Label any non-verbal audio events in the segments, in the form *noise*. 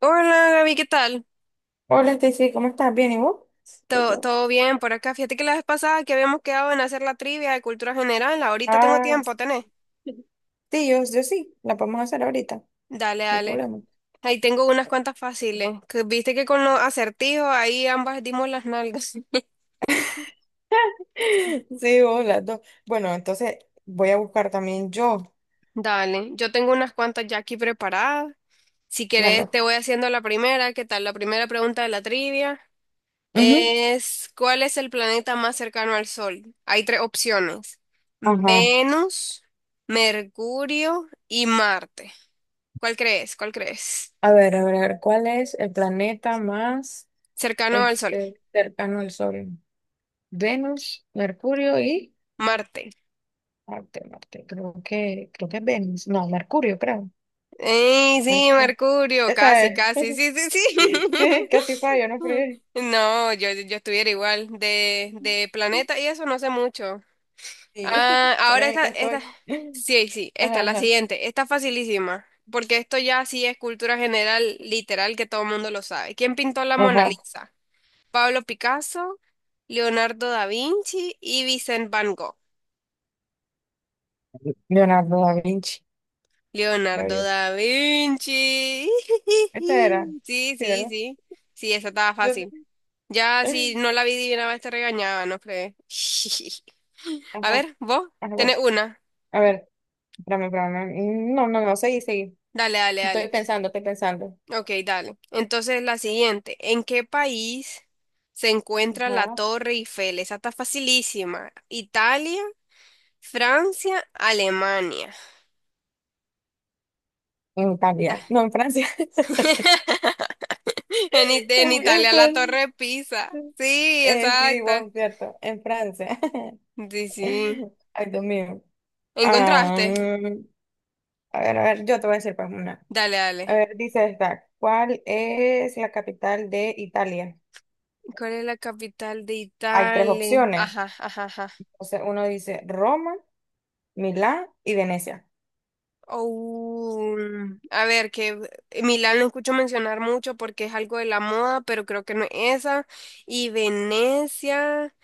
Hola Gaby, ¿qué tal? Hola, Stacy, ¿cómo estás? ¿Bien? ¿Y vos? Y ¿Todo, yo, todo bien por acá. Fíjate que la vez pasada que habíamos quedado en hacer la trivia de cultura general, ahorita tengo Ah, tiempo, ¿tenés? sí, yo sí, la podemos hacer ahorita, no Dale, hay dale. problema. Ahí tengo unas cuantas fáciles, que viste que con los acertijos ahí ambas dimos las nalgas. *laughs* *laughs* Sí, vos, las dos. Bueno, entonces voy a buscar también yo. Dale, yo tengo unas cuantas ya aquí preparadas. Si querés, Dale. te voy haciendo la primera. ¿Qué tal? La primera pregunta de la trivia Ujú. es, ¿cuál es el planeta más cercano al Sol? Hay tres opciones. Ajá. Venus, Mercurio y Marte. ¿Cuál crees? ¿Cuál crees? A ver, ¿cuál es el planeta más Cercano al Sol. Cercano al Sol? Venus, Mercurio y Marte. Marte, Marte. Creo que es Venus. No, Mercurio, creo. ¡Ey, sí, Mercurio. Mercurio! Esa Casi, es. casi. Sí, sí, sí. *laughs* Sí, *laughs* casi fallo, no fregué. No, yo estuviera igual. De planeta y eso no sé mucho. Y yo, Ah, *laughs* solo ahora en el esta, que esta, estoy. *laughs* sí, sí, esta, la Ajá, siguiente, esta facilísima, porque esto ya sí es cultura general, literal, que todo el mundo lo sabe. ¿Quién pintó la ajá. Mona Ajá. Lisa? Pablo Picasso, Leonardo da Vinci y Vincent Van Gogh. Leonardo da Vinci. La Leonardo vio. da Vinci. Esta era. *laughs* Sí, Sí, sí, ¿verdad? sí. Sí, esa estaba Yo- fácil. Ya si no *laughs* la adivinaba, te regañaba, no crees. *laughs* A Ajá. ver, vos Ajá, bueno. tenés una. A ver, espérame, espérame. No, no, no, seguí, seguí. Dale, dale, Estoy dale. pensando, estoy pensando. Ok, dale. Entonces la siguiente, ¿en qué país se encuentra la Ajá. Torre Eiffel? Esa está facilísima. Italia, Francia, Alemania. En Italia. Ta- No, en Francia. *laughs* *laughs* En, It- en en Italia la Fran- Torre Pisa. Sí, sí, exacto. vos, es cierto. En Francia. *laughs* Sí, sí. Ay, Dios mío. Ah, ¿Encontraste? a ver, yo te voy a decir pues una. Dale, A dale. ver, dice esta, ¿cuál es la capital de Italia? ¿Cuál es la capital de Hay tres Italia? opciones. Ajá, ajá, ajá. Entonces uno dice Roma, Milán y Venecia. Oh, a ver, que Milán lo escucho mencionar mucho porque es algo de la moda, pero creo que no es esa. Y Venecia,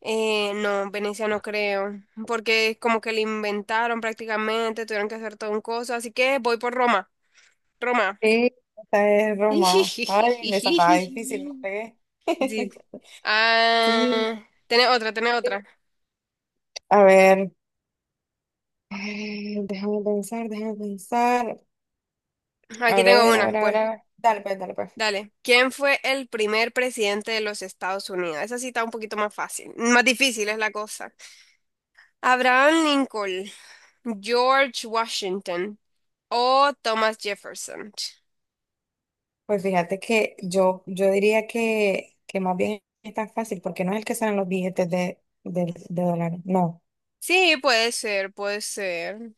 no, Venecia no creo, porque es como que le inventaron prácticamente, tuvieron que hacer todo un coso, así que voy por Roma, Roma. Sí, esta es Roma. Ay, esa estaba difícil, no *laughs* pegué. Sí. *laughs* sí. Ah, tenés otra, tenés otra. A ver, déjame pensar, déjame pensar. A Aquí tengo ver, a una, ver, a ver, pues. a ver. Dale, pues, dale, pues. Dale. ¿Quién fue el primer presidente de los Estados Unidos? Esa sí está un poquito más fácil, más difícil es la cosa. Abraham Lincoln, George Washington o Thomas Jefferson. Pues fíjate que yo diría que más bien es tan fácil porque no es el que salen los billetes de dólares. No. Sí, puede ser, puede ser.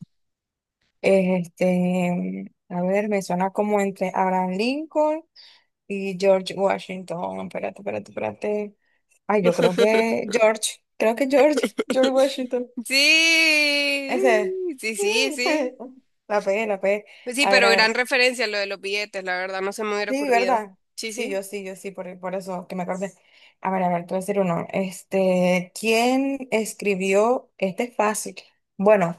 A ver, me suena como entre Abraham Lincoln y George Washington. Espérate, espérate, espérate. Ay, yo creo que *laughs* George, creo que George, George Washington. Sí, Ese sí, sí, es. sí. *laughs* La pegué, la pegué. Pues sí, A ver, pero a ver. gran referencia lo de los billetes, la verdad, no se me hubiera Sí, ocurrido. ¿verdad? Sí, Sí, sí. yo sí, por eso que me acordé. A ver, te voy a decir uno. ¿Quién escribió? Este es fácil. Bueno,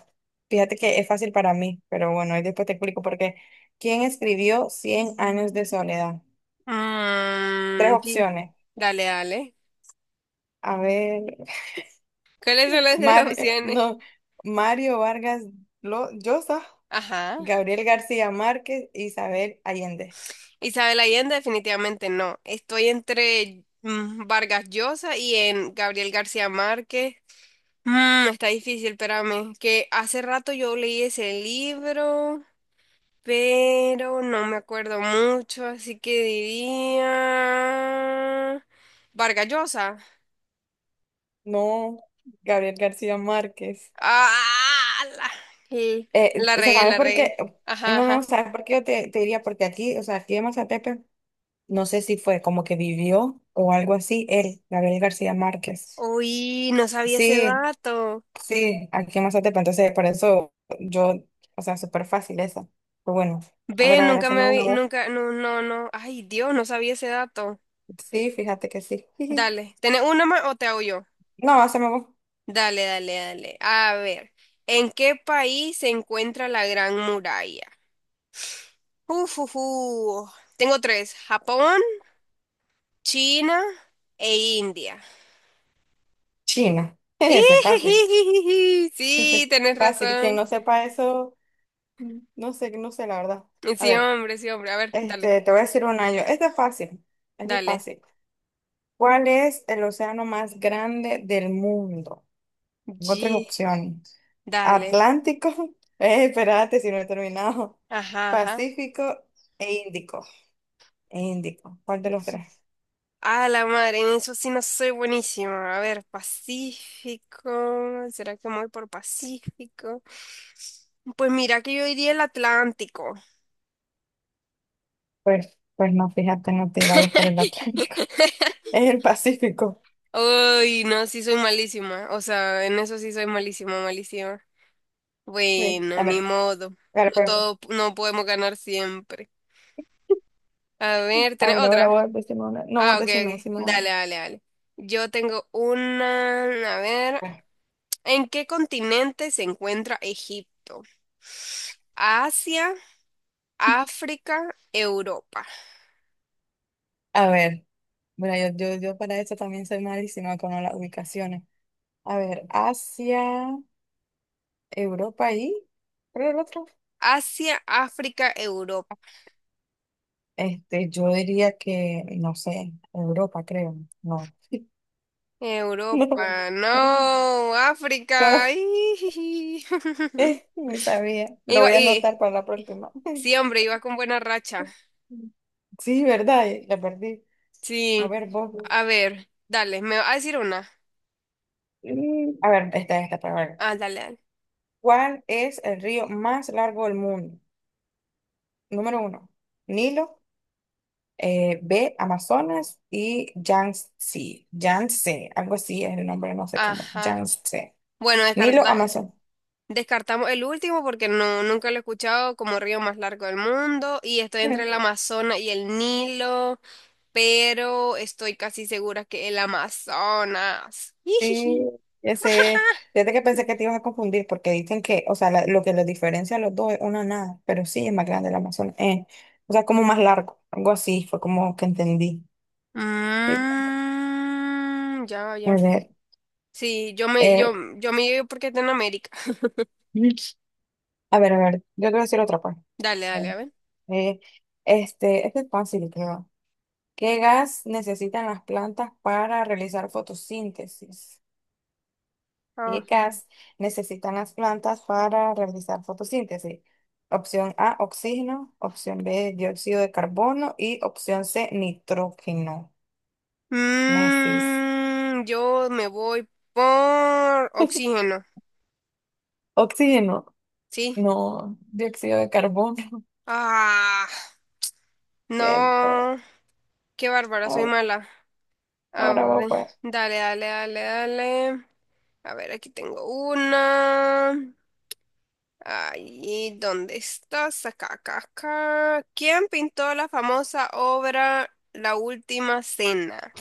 fíjate que es fácil para mí, pero bueno, ahí después te explico por qué. ¿Quién escribió Cien años de soledad? Tres Mm, sí. opciones. Dale, dale. A ver, ¿Cuáles son las tres Mario, opciones? no, Mario Vargas Llosa, Ajá. Gabriel García Márquez, Isabel Allende. Isabel Allende definitivamente no. Estoy entre Vargas Llosa y en Gabriel García Márquez. Mm, está difícil, espérame. Que hace rato yo leí ese libro, pero no me acuerdo mucho, así que diría Vargas Llosa. No, Gabriel García Márquez. Ah, la, sí, la regué, ¿Sabes la por qué? regué. Ajá, No, no, ajá. ¿sabes por qué yo te diría? Porque aquí, o sea, aquí en Mazatepe, no sé si fue como que vivió o algo así, él, Gabriel García Márquez. Uy, no sabía ese Sí, dato. sí, aquí en Mazatepe, entonces por eso yo, o sea, súper fácil esa. Pero bueno, Ve, a ver, nunca me haceme una había, voz. nunca, no, no, no. Ay, Dios, no sabía ese dato. Sí, fíjate que sí. *laughs* Dale, ¿tenés una más o te hago yo? No, haceme voz. Dale, dale, dale. A ver, ¿en qué país se encuentra la Gran Muralla? Uf, uf, uf. Tengo tres, Japón, China e India. China. *laughs* *laughs* Ese es fácil, Ijijijiji. ese es Sí, tenés fácil. Quien razón. no sepa eso, no sé, no sé la verdad. A Sí, ver. hombre, sí, hombre. A ver, dale, Te voy a decir un año este es fácil, esta es dale. fácil. ¿Cuál es el océano más grande del mundo? Tengo tres Ye- opciones. Dale. Atlántico, *laughs* espérate si no he terminado. Ajá, Pacífico e Índico. E Índico. ¿Cuál de los ajá. tres? A la madre, en eso sí no soy buenísima. A ver, Pacífico. ¿Será que me voy por Pacífico? Pues mira que yo iría el Atlántico. Pues, pues no, fíjate, no te vayas por el Atlántico. *laughs* *laughs* Es el Pacífico. Uy, no, sí soy malísima. O sea, en eso sí soy malísima, malísima. Sí, Bueno, ni modo. a No ver, pues, todo, no podemos ganar siempre. A ver, a ¿tenés ver, ahora otra? vos decime una. No, vos Ah, ok, decime, ok. decime una. Dale, dale, dale. Yo tengo una, a ver, ¿en qué continente se encuentra Egipto? Asia, África, Europa. A ver, mira, yo para esto también soy malísima con las ubicaciones. A ver, Asia, Europa y, creo el otro. Asia, África, Europa. Yo diría que, no sé, Europa, creo. No. *laughs* No. Europa, no, África. *laughs* ¡Ih! *laughs* Ni sabía. Lo Iba, voy a y anotar para la próxima. sí, *laughs* hombre, iba con buena racha. Sí, ¿verdad? La perdí. A Sí, ver, a vos. ver, dale, me va a decir una. A ver, esta, para ver. Ah, dale, dale. ¿Cuál es el río más largo del mundo? Número uno, Nilo. B, Amazonas y Yangtze, Yangtze, algo así es el nombre, no sé cómo, Ajá. Yangtze, Bueno, Nilo, descarta. Amazonas. Descartamos el último porque no, nunca lo he escuchado como río más largo del mundo, y estoy entre el Amazonas y el Nilo, pero estoy casi segura que el Amazonas. Sí, Ijiji. ese, fíjate que pensé que te ibas a confundir porque dicen que, o sea, lo que los diferencia a los dos es una nada, pero sí es más grande el Amazonas, o sea, como más largo, algo así, fue como que entendí. Sí. Mm, ya, A ya. ver, Sí, yo me, yo, eh, yo me llevo porque está en América. *laughs* a ver, a ver, yo te voy a decir otra parte. Dale, A dale, a ver. ver, eh, este es fácil, creo. ¿Qué gas necesitan las plantas para realizar fotosíntesis? ¿Qué Ajá. gas necesitan las plantas para realizar fotosíntesis? Opción A, oxígeno. Opción B, dióxido de carbono. Y opción C, nitrógeno. Necis. Mm, yo me voy por oxígeno, Oxígeno. ¿sí? No, dióxido de carbono. Ah, *laughs* Cierto. no, qué bárbara, soy Ah, mala. A Ahora vos, ver, pues. dale, dale, dale, dale. A ver, aquí tengo una. Ahí, ¿dónde estás? Acá, acá, acá. ¿Quién pintó la famosa obra La Última Cena?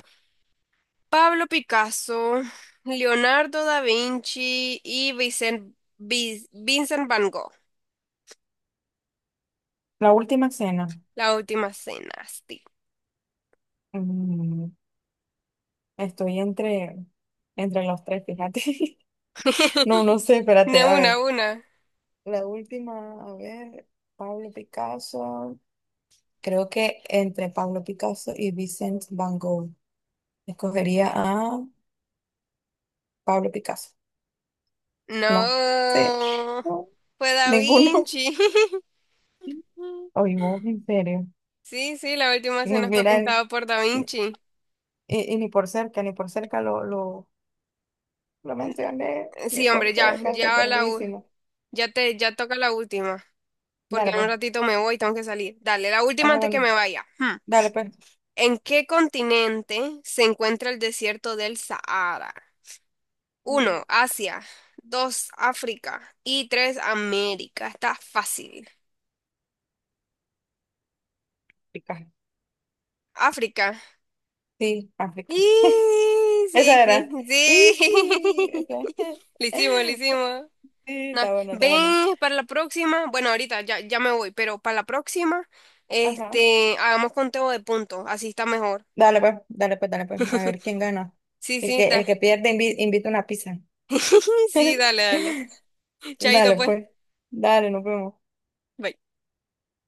Pablo Picasso, Leonardo da Vinci y Vincent Van Gogh. La última cena. La Última Cena, sí. Mm, estoy entre, entre los tres, fíjate. *laughs* *laughs* No, no sé, espérate, De a ver. una, una. La última, a ver, Pablo Picasso. Creo que entre Pablo Picasso y Vincent Van Gogh. Escogería a Pablo Picasso. No, sí, No, no, fue Da ninguno. Vinci. *laughs* Oye, vos, en serio. Sí, sí, la Última Ni, Cena fue mira, ni- pintado por Da ni- Vinci. Y ni por cerca, ni por cerca lo mencioné, Eh, ni Sí, por hombre, ya, cerca, estoy ya la, u- perdidísimo. ya te, ya toca la última, porque Dale, en pues. un ratito me voy y tengo que salir. Dale, la última antes Bueno, que me vaya. Hmm. dale, pues. ¿En qué continente se encuentra el desierto del Sahara? Uno, Mm, Asia. Dos, África. Y tres, América. Está fácil. África. África. Sí, África. Y sí, Esa sí, era. Y, sí. *laughs* *laughs* Lo hicimos, lo hicimos. Sí, No, está bueno, está bueno. ven para la próxima. Bueno, ahorita ya, ya me voy, pero para la próxima, Ajá. este, hagamos conteo de puntos, así está mejor. Dale pues, dale pues, dale pues. A ver quién gana. Sí, El sí, que, el que pierde invita una pizza. *laughs* sí, dale, dale. *laughs* Chaito, Dale pues. pues. Dale, nos vemos. Bye.